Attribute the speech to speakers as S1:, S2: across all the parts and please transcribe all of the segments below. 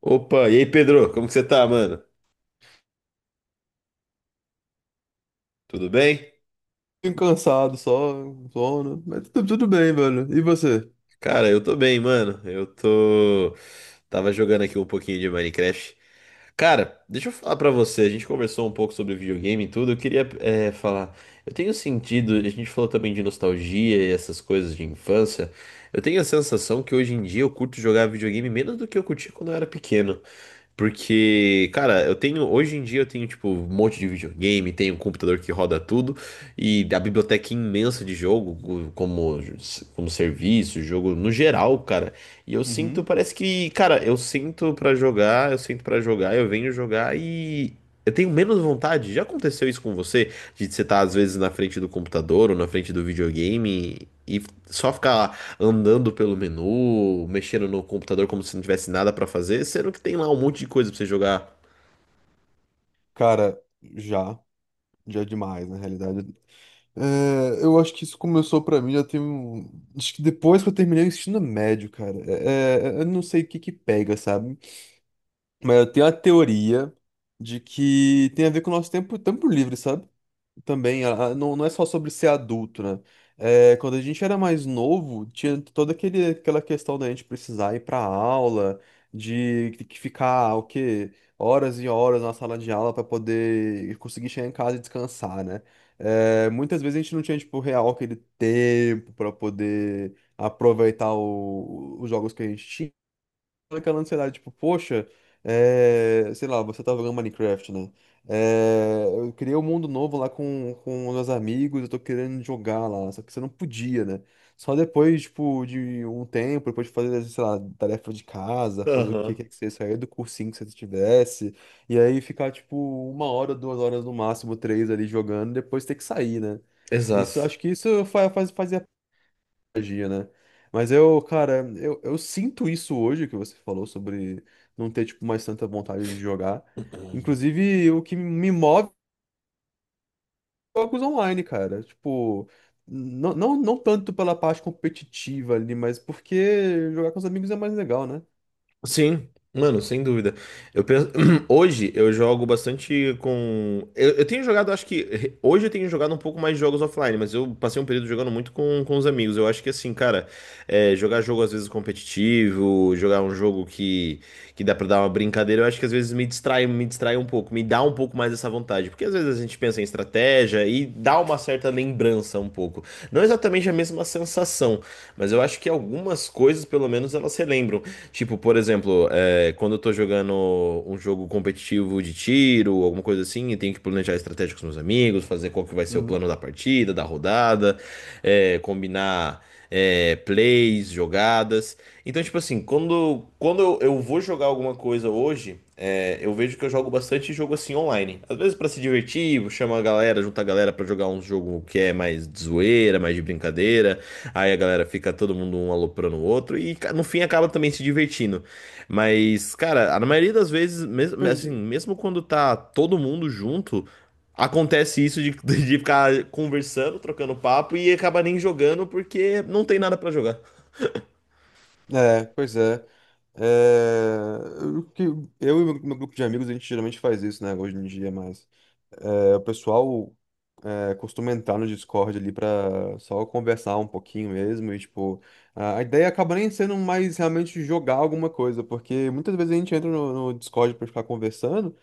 S1: Opa, e aí Pedro, como que você tá, mano? Tudo bem?
S2: Pouquinho cansado, só sono, mas tudo bem, velho. E você?
S1: Cara, eu tô bem, mano. Eu tô. Tava jogando aqui um pouquinho de Minecraft. Cara, deixa eu falar pra você. A gente conversou um pouco sobre videogame e tudo. Eu queria falar. Eu tenho sentido. A gente falou também de nostalgia e essas coisas de infância. Eu tenho a sensação que hoje em dia eu curto jogar videogame menos do que eu curtia quando eu era pequeno. Porque, cara, hoje em dia eu tenho, tipo, um monte de videogame, tenho um computador que roda tudo, e a biblioteca é imensa de jogo, como, como serviço, jogo no geral, cara. E eu sinto,
S2: Uhum.
S1: parece que, cara, eu sinto pra jogar, eu venho jogar e eu tenho menos vontade. Já aconteceu isso com você? De você estar às vezes na frente do computador ou na frente do videogame e só ficar andando pelo menu, mexendo no computador como se não tivesse nada pra fazer, sendo que tem lá um monte de coisa pra você jogar.
S2: Cara, já, já é demais, na realidade. É, eu acho que isso começou pra mim, já tem um. Acho que depois que eu terminei o ensino médio, cara. É, eu não sei o que que pega, sabe? Mas eu tenho a teoria de que tem a ver com o nosso tempo, tempo livre, sabe? Também, não, não é só sobre ser adulto, né? É, quando a gente era mais novo, tinha aquela questão da gente precisar ir pra aula, de ter que ficar, o quê? Horas e horas na sala de aula para poder conseguir chegar em casa e descansar, né? É, muitas vezes a gente não tinha, tipo, real aquele tempo para poder aproveitar os jogos que a gente tinha aquela ansiedade, tipo, poxa, é, sei lá, você tava jogando Minecraft, né? É, eu criei um mundo novo lá com meus amigos, eu tô querendo jogar lá, só que você não podia, né? Só depois, tipo, de um tempo, depois de fazer, sei lá, tarefa de casa, fazer o que
S1: Aham,
S2: quer que seja, sair do cursinho que você tivesse, e aí ficar, tipo, uma hora, duas horas no máximo, três ali jogando, e depois ter que sair, né? Isso,
S1: exato.
S2: acho que isso fazia magia, né? Mas eu, cara, eu sinto isso hoje que você falou sobre não ter, tipo, mais tanta vontade de jogar. Inclusive, o que me move é jogos online, cara. Tipo, não, não, não tanto pela parte competitiva ali, mas porque jogar com os amigos é mais legal, né?
S1: Sim, mano, sem dúvida. Eu penso... Hoje eu jogo bastante com. Eu tenho jogado, acho que. Hoje eu tenho jogado um pouco mais de jogos offline, mas eu passei um período jogando muito com os amigos. Eu acho que assim, cara, jogar jogo às vezes competitivo, jogar um jogo que dá pra dar uma brincadeira, eu acho que às vezes me distrai um pouco, me dá um pouco mais essa vontade. Porque às vezes a gente pensa em estratégia e dá uma certa lembrança um pouco. Não exatamente a mesma sensação, mas eu acho que algumas coisas, pelo menos, elas relembram. Tipo, por exemplo, quando eu tô jogando um jogo competitivo de tiro, alguma coisa assim, e tenho que planejar estratégia com os meus amigos, fazer qual que vai ser o
S2: Uhum.
S1: plano da partida, da rodada, combinar plays, jogadas. Então, tipo assim, quando eu vou jogar alguma coisa hoje, eu vejo que eu jogo bastante jogo assim online. Às vezes pra se divertir, chama a galera, junta a galera pra jogar um jogo que é mais de zoeira, mais de brincadeira. Aí a galera fica todo mundo um aloprando o outro e no fim acaba também se divertindo. Mas, cara, na maioria das vezes, mesmo,
S2: Pois
S1: assim, mesmo quando tá todo mundo junto, acontece isso de, de ficar conversando, trocando papo e acaba nem jogando porque não tem nada pra jogar.
S2: é, pois é. É, eu e meu grupo de amigos, a gente geralmente faz isso, né? Hoje em dia, mas é, o pessoal. É, costuma entrar no Discord ali pra só conversar um pouquinho mesmo e, tipo, a ideia acaba nem sendo mais realmente jogar alguma coisa, porque muitas vezes a gente entra no Discord pra ficar conversando,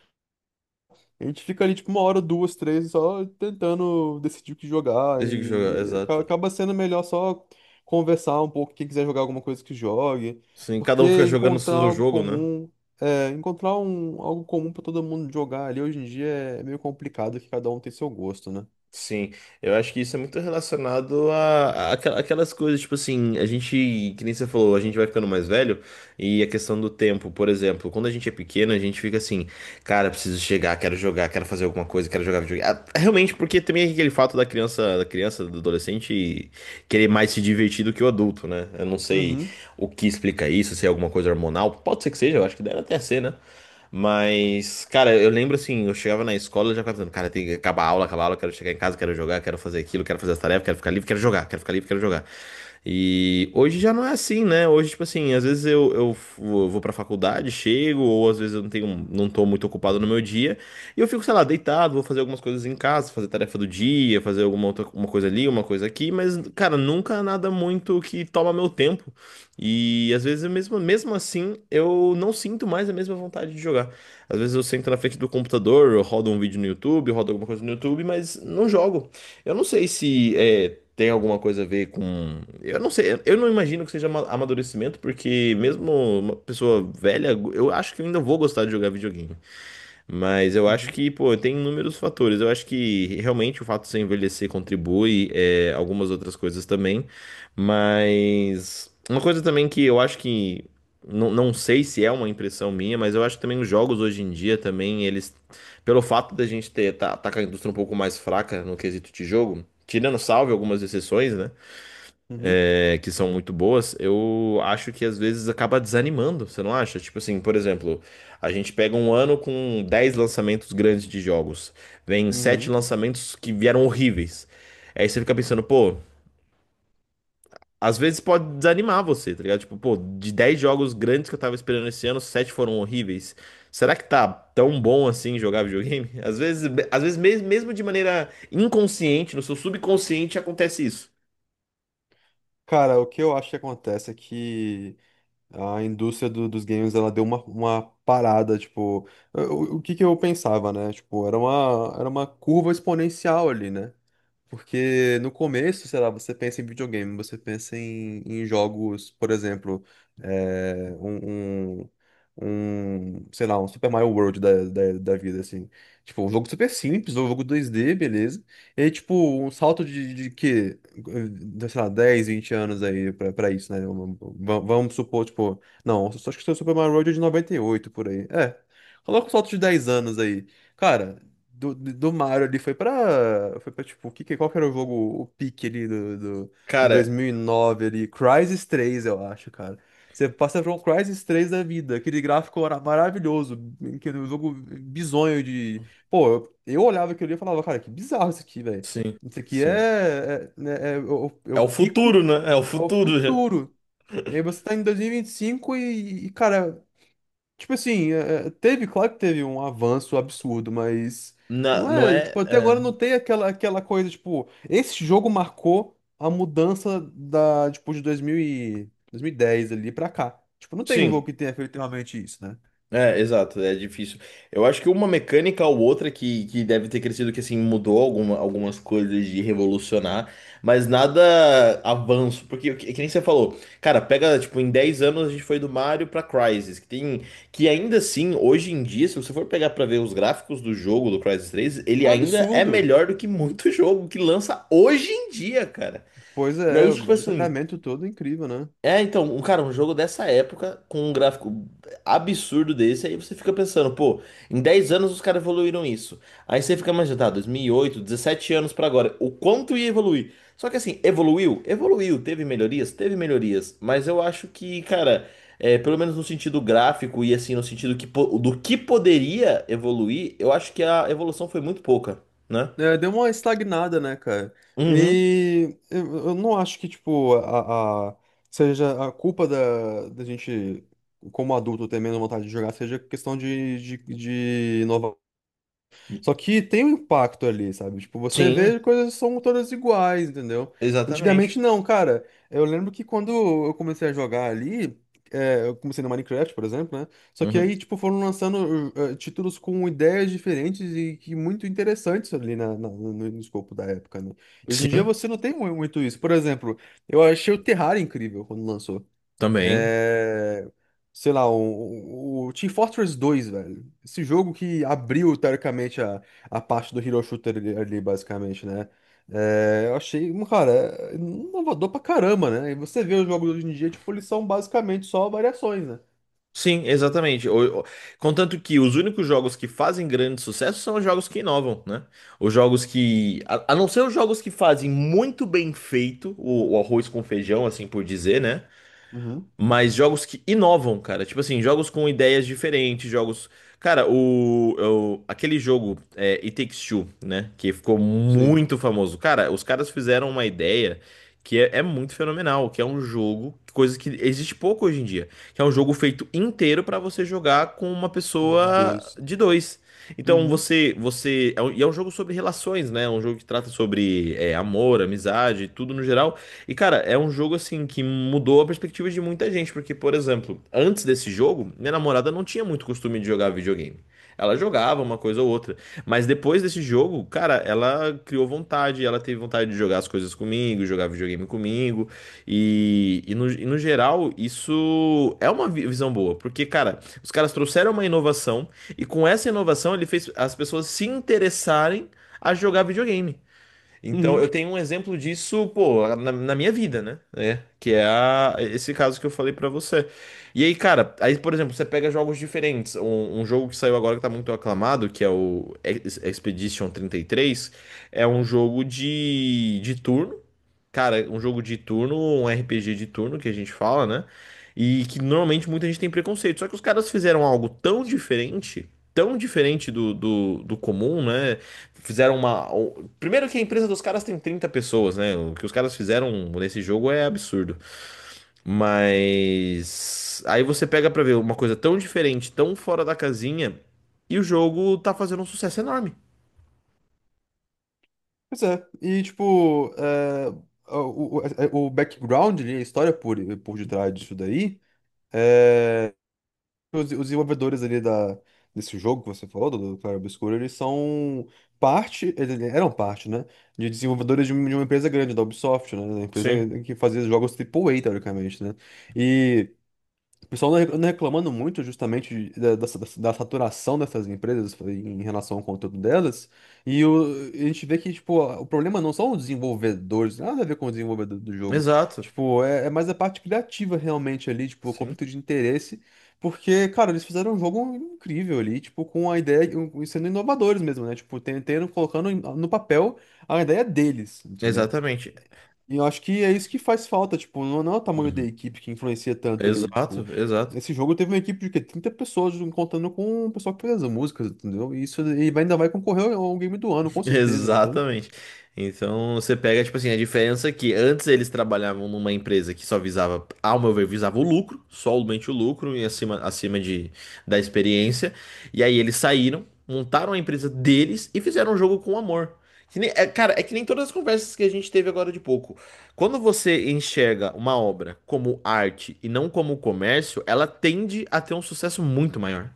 S2: a gente fica ali, tipo, uma hora, duas, três, só tentando decidir o que jogar
S1: Desde que jogar,
S2: e aca-
S1: exato.
S2: acaba sendo melhor só conversar um pouco, quem quiser jogar alguma coisa que jogue,
S1: Sim, cada um fica
S2: porque
S1: jogando o
S2: encontrar
S1: seu
S2: algo
S1: jogo, né?
S2: comum, é, encontrar algo comum pra todo mundo jogar ali hoje em dia é meio complicado, que cada um tem seu gosto, né?
S1: Sim, eu acho que isso é muito relacionado a aquelas coisas, tipo assim, a gente, que nem você falou, a gente vai ficando mais velho e a questão do tempo, por exemplo, quando a gente é pequeno, a gente fica assim, cara, preciso chegar, quero jogar, quero fazer alguma coisa, quero jogar videogame. Ah, realmente, porque também é aquele fato da criança, do adolescente querer mais se divertir do que o adulto, né? Eu não sei
S2: Uhum.
S1: o que explica isso, se é alguma coisa hormonal, pode ser que seja, eu acho que deve até ser, né? Mas, cara, eu lembro assim, eu chegava na escola já ficava pensando, cara, tem que acabar a aula, quero chegar em casa, quero jogar, quero fazer aquilo, quero fazer as tarefas, quero ficar livre, quero jogar, quero ficar livre, quero jogar. E hoje já não é assim, né? Hoje, tipo assim, às vezes eu vou pra faculdade, chego, ou às vezes eu não tenho, não tô muito ocupado no meu dia, e eu fico, sei lá, deitado, vou fazer algumas coisas em casa, fazer tarefa do dia, fazer alguma outra uma coisa ali, uma coisa aqui, mas, cara, nunca nada muito que toma meu tempo. E às vezes, eu mesmo, mesmo assim, eu não sinto mais a mesma vontade de jogar. Às vezes eu sento na frente do computador, eu rodo um vídeo no YouTube, eu rodo alguma coisa no YouTube, mas não jogo. Eu não sei se é, tem alguma coisa a ver com. Eu não sei, eu não imagino que seja amadurecimento, porque mesmo uma pessoa velha, eu acho que eu ainda vou gostar de jogar videogame. Mas eu acho
S2: Uhum.
S1: que, pô, tem inúmeros fatores. Eu acho que realmente o fato de você envelhecer contribui, é, algumas outras coisas também. Mas uma coisa também que eu acho que. Não, não sei se é uma impressão minha, mas eu acho que também os jogos hoje em dia também, eles. Pelo fato da gente tá com a indústria um pouco mais fraca no quesito de jogo, tirando salve algumas exceções, né?
S2: Uhum,
S1: É, que são muito boas, eu acho que às vezes acaba desanimando, você não acha? Tipo assim, por exemplo, a gente pega um ano com 10 lançamentos grandes de jogos, vem 7
S2: uhum.
S1: lançamentos que vieram horríveis. Aí você fica pensando, pô, às vezes pode desanimar você, tá ligado? Tipo, pô, de 10 jogos grandes que eu tava esperando esse ano, 7 foram horríveis. Será que tá tão bom assim jogar videogame? Às vezes, mesmo de maneira inconsciente, no seu subconsciente acontece isso.
S2: Cara, o que eu acho que acontece é que a indústria dos games, ela deu uma parada, tipo, o que que eu pensava, né? Tipo, era uma curva exponencial ali, né? Porque no começo, sei lá, você pensa em videogame, você pensa em jogos, por exemplo, é, um, sei lá, um Super Mario World da vida, assim. Tipo, um jogo super simples, um jogo 2D beleza. E, tipo, um salto de que, sei lá, 10, 20 anos aí pra isso, né? Vamos supor, tipo, não, só acho que o Super Mario World é de 98 por aí. É, coloca um salto de 10 anos aí. Cara, do Mario ali foi pra, tipo, qual que era o jogo, o pique ali do
S1: Cara,
S2: 2009 ali? Crysis 3 eu acho, cara. Você passa por um Crysis 3 da vida, aquele gráfico era maravilhoso, aquele jogo bizonho de. Pô, eu olhava aquilo ali e falava, cara, que bizarro isso aqui, velho.
S1: sim,
S2: Isso aqui
S1: sim.
S2: né, é o, é
S1: É
S2: o
S1: o
S2: pico
S1: futuro, né? É o
S2: ao
S1: futuro já.
S2: futuro. E aí você tá em 2025 e, cara, tipo assim, claro que teve um avanço absurdo, mas não
S1: Não
S2: é,
S1: é,
S2: tipo, até
S1: é.
S2: agora não tem aquela coisa, tipo, esse jogo marcou a mudança da, tipo, de 2010 ali pra cá. Tipo, não tem um jogo
S1: Sim.
S2: que tenha feito realmente isso, né?
S1: É, exato, é difícil. Eu acho que uma mecânica ou outra que deve ter crescido, que assim, mudou algumas coisas de revolucionar, mas nada avanço, porque que nem você falou, cara, pega, tipo, em 10 anos a gente foi do Mario pra Crysis, que tem, que ainda assim, hoje em dia, se você for pegar pra ver os gráficos do jogo, do Crysis 3
S2: É
S1: ele
S2: um
S1: ainda é
S2: absurdo.
S1: melhor do que muito jogo que lança hoje em dia, cara.
S2: Pois
S1: E
S2: é,
S1: aí,
S2: o
S1: tipo assim,
S2: detalhamento todo é incrível, né?
S1: é, então, um jogo dessa época, com um gráfico absurdo desse, aí você fica pensando, pô, em 10 anos os caras evoluíram isso. Aí você fica imaginando, tá, 2008 17 anos pra agora, o quanto ia evoluir? Só que assim, evoluiu? Evoluiu, teve melhorias? Teve melhorias, mas eu acho que, cara, é, pelo menos no sentido gráfico e assim, no sentido que, do que poderia evoluir, eu acho que a evolução foi muito pouca, né?
S2: É, deu uma estagnada, né, cara?
S1: Uhum.
S2: E eu não acho que, tipo, seja a culpa da gente, como adulto, ter menos vontade de jogar, seja questão de só que tem um impacto ali, sabe? Tipo, você
S1: Sim,
S2: vê coisas que são todas iguais, entendeu?
S1: exatamente.
S2: Antigamente não, cara. Eu lembro que quando eu comecei a jogar ali, é, eu comecei no Minecraft, por exemplo, né? Só que
S1: Uhum.
S2: aí, tipo, foram lançando títulos com ideias diferentes e que muito interessantes ali no escopo da época, né? E hoje em dia
S1: Sim,
S2: você não tem muito isso. Por exemplo, eu achei o Terraria incrível quando lançou.
S1: também.
S2: É, sei lá, o Team Fortress 2 velho. Esse jogo que abriu, teoricamente, a parte do Hero Shooter ali, basicamente, né? É, eu achei, um, cara, é inovador pra caramba, né? E você vê os jogos hoje em dia, tipo, eles são basicamente só variações, né?
S1: Sim, exatamente. Contanto que os únicos jogos que fazem grande sucesso são os jogos que inovam, né? Os jogos que. A não ser os jogos que fazem muito bem feito o arroz com feijão, assim por dizer, né?
S2: Uhum.
S1: Mas jogos que inovam, cara. Tipo assim, jogos com ideias diferentes, jogos. Cara, aquele jogo It Takes Two, né? Que ficou
S2: Sim,
S1: muito famoso. Cara, os caras fizeram uma ideia que é muito fenomenal, que é um jogo, coisa que existe pouco hoje em dia, que é um jogo feito inteiro pra você jogar com uma
S2: de
S1: pessoa
S2: dois.
S1: de dois. Então
S2: Uhum.
S1: você, você, e é um jogo sobre relações, né? É um jogo que trata sobre amor, amizade, tudo no geral. E, cara, é um jogo assim que mudou a perspectiva de muita gente, porque, por exemplo, antes desse jogo, minha namorada não tinha muito costume de jogar videogame. Ela jogava uma coisa ou outra, mas depois desse jogo, cara, ela criou vontade, ela teve vontade de jogar as coisas comigo, jogar videogame comigo, e, e no geral, isso é uma visão boa, porque, cara, os caras trouxeram uma inovação, e com essa inovação ele fez as pessoas se interessarem a jogar videogame. Então, eu
S2: Uhum.
S1: tenho um exemplo disso, pô, na, na minha vida, né? É, que é esse caso que eu falei pra você. E aí, cara, aí, por exemplo, você pega jogos diferentes. Um jogo que saiu agora que tá muito aclamado, que é o Expedition 33, é um jogo de turno cara, um jogo de turno, um RPG de turno que a gente fala, né? E que normalmente muita gente tem preconceito. Só que os caras fizeram algo tão diferente do comum, né? Fizeram uma. Primeiro que a empresa dos caras tem 30 pessoas, né? O que os caras fizeram nesse jogo é absurdo. Mas. Aí você pega pra ver uma coisa tão diferente, tão fora da casinha, e o jogo tá fazendo um sucesso enorme.
S2: Pois é. E, tipo, é, o background, ali, a história por detrás disso daí. É, os desenvolvedores ali desse jogo que você falou, do Claro Obscuro, eles eram parte, né? De desenvolvedores de uma empresa grande, da Ubisoft, né? Uma empresa
S1: Sim.
S2: que fazia jogos AAA, teoricamente, né? E. O pessoal não reclamando muito justamente da saturação dessas empresas em relação ao conteúdo delas. E a gente vê que, tipo, o problema não são os desenvolvedores, nada a ver com o desenvolvedor do jogo.
S1: Exato.
S2: Tipo, é mais a parte criativa realmente ali, tipo, o
S1: Sim.
S2: conflito de interesse. Porque, cara, eles fizeram um jogo incrível ali, tipo, com a ideia, sendo inovadores mesmo, né? Tipo, colocando no papel a ideia deles, entendeu?
S1: Exatamente.
S2: E eu acho que é isso que faz falta, tipo, não não é o tamanho da
S1: Uhum.
S2: equipe que influencia tanto ali,
S1: Exato,
S2: tipo,
S1: exato.
S2: esse jogo teve uma equipe de quê? 30 pessoas contando com o pessoal que fez as músicas, entendeu? E isso e ainda vai concorrer ao game do ano, com certeza, sabe?
S1: Exatamente. Então você pega, tipo assim, a diferença é que antes eles trabalhavam numa empresa que só visava, ao meu ver, visava o lucro, somente o lucro e acima, acima de, da experiência. E aí eles saíram, montaram a empresa deles e fizeram um jogo com amor. Que nem- é, cara, é que nem todas as conversas que a gente teve agora de pouco. Quando você enxerga uma obra como arte e não como comércio, ela tende a ter um sucesso muito maior.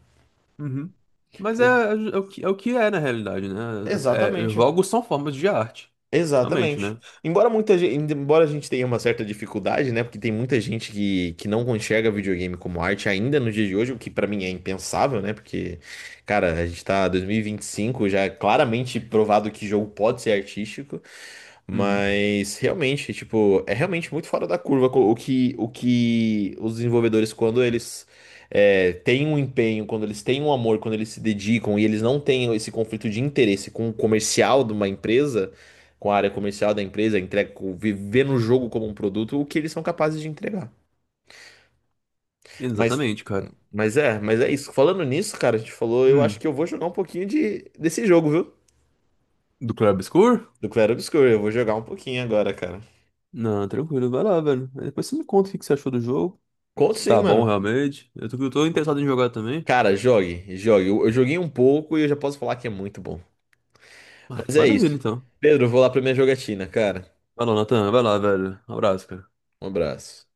S2: Uhum. Mas
S1: Por-
S2: é o que é na realidade, né? É,
S1: Exatamente.
S2: jogos são formas de arte, realmente,
S1: Exatamente.
S2: né?
S1: Embora muita gente, embora a gente tenha uma certa dificuldade, né? Porque tem muita gente que não enxerga videogame como arte ainda nos dias de hoje, o que pra mim é impensável, né? Porque, cara, a gente tá em 2025 já é claramente provado que jogo pode ser artístico,
S2: Uhum.
S1: mas realmente, tipo, é realmente muito fora da curva o que os desenvolvedores, quando eles têm um empenho, quando eles têm um amor, quando eles se dedicam e eles não têm esse conflito de interesse com o comercial de uma empresa com a área comercial da empresa, entrega, viver no jogo como um produto, o que eles são capazes de entregar. Mas,
S2: Exatamente, cara.
S1: mas é isso. Falando nisso, cara, a gente falou, eu acho
S2: Hum.
S1: que eu vou jogar um pouquinho de, desse jogo, viu?
S2: Do Claro Obscur?
S1: Do Clair Obscur, eu vou jogar um pouquinho agora, cara.
S2: Não, tranquilo, vai lá, velho. Aí depois você me conta o que que você achou do jogo.
S1: Conto
S2: Se
S1: sim,
S2: tá bom
S1: mano.
S2: realmente. Eu tô interessado em jogar também.
S1: Cara, jogue, jogue. Eu joguei um pouco e eu já posso falar que é muito bom.
S2: Ah,
S1: Mas é
S2: maravilha,
S1: isso.
S2: então.
S1: Pedro, eu vou lá pra minha jogatina, cara.
S2: Vai lá, Natan. Vai lá, velho. Um abraço, cara.
S1: Um abraço.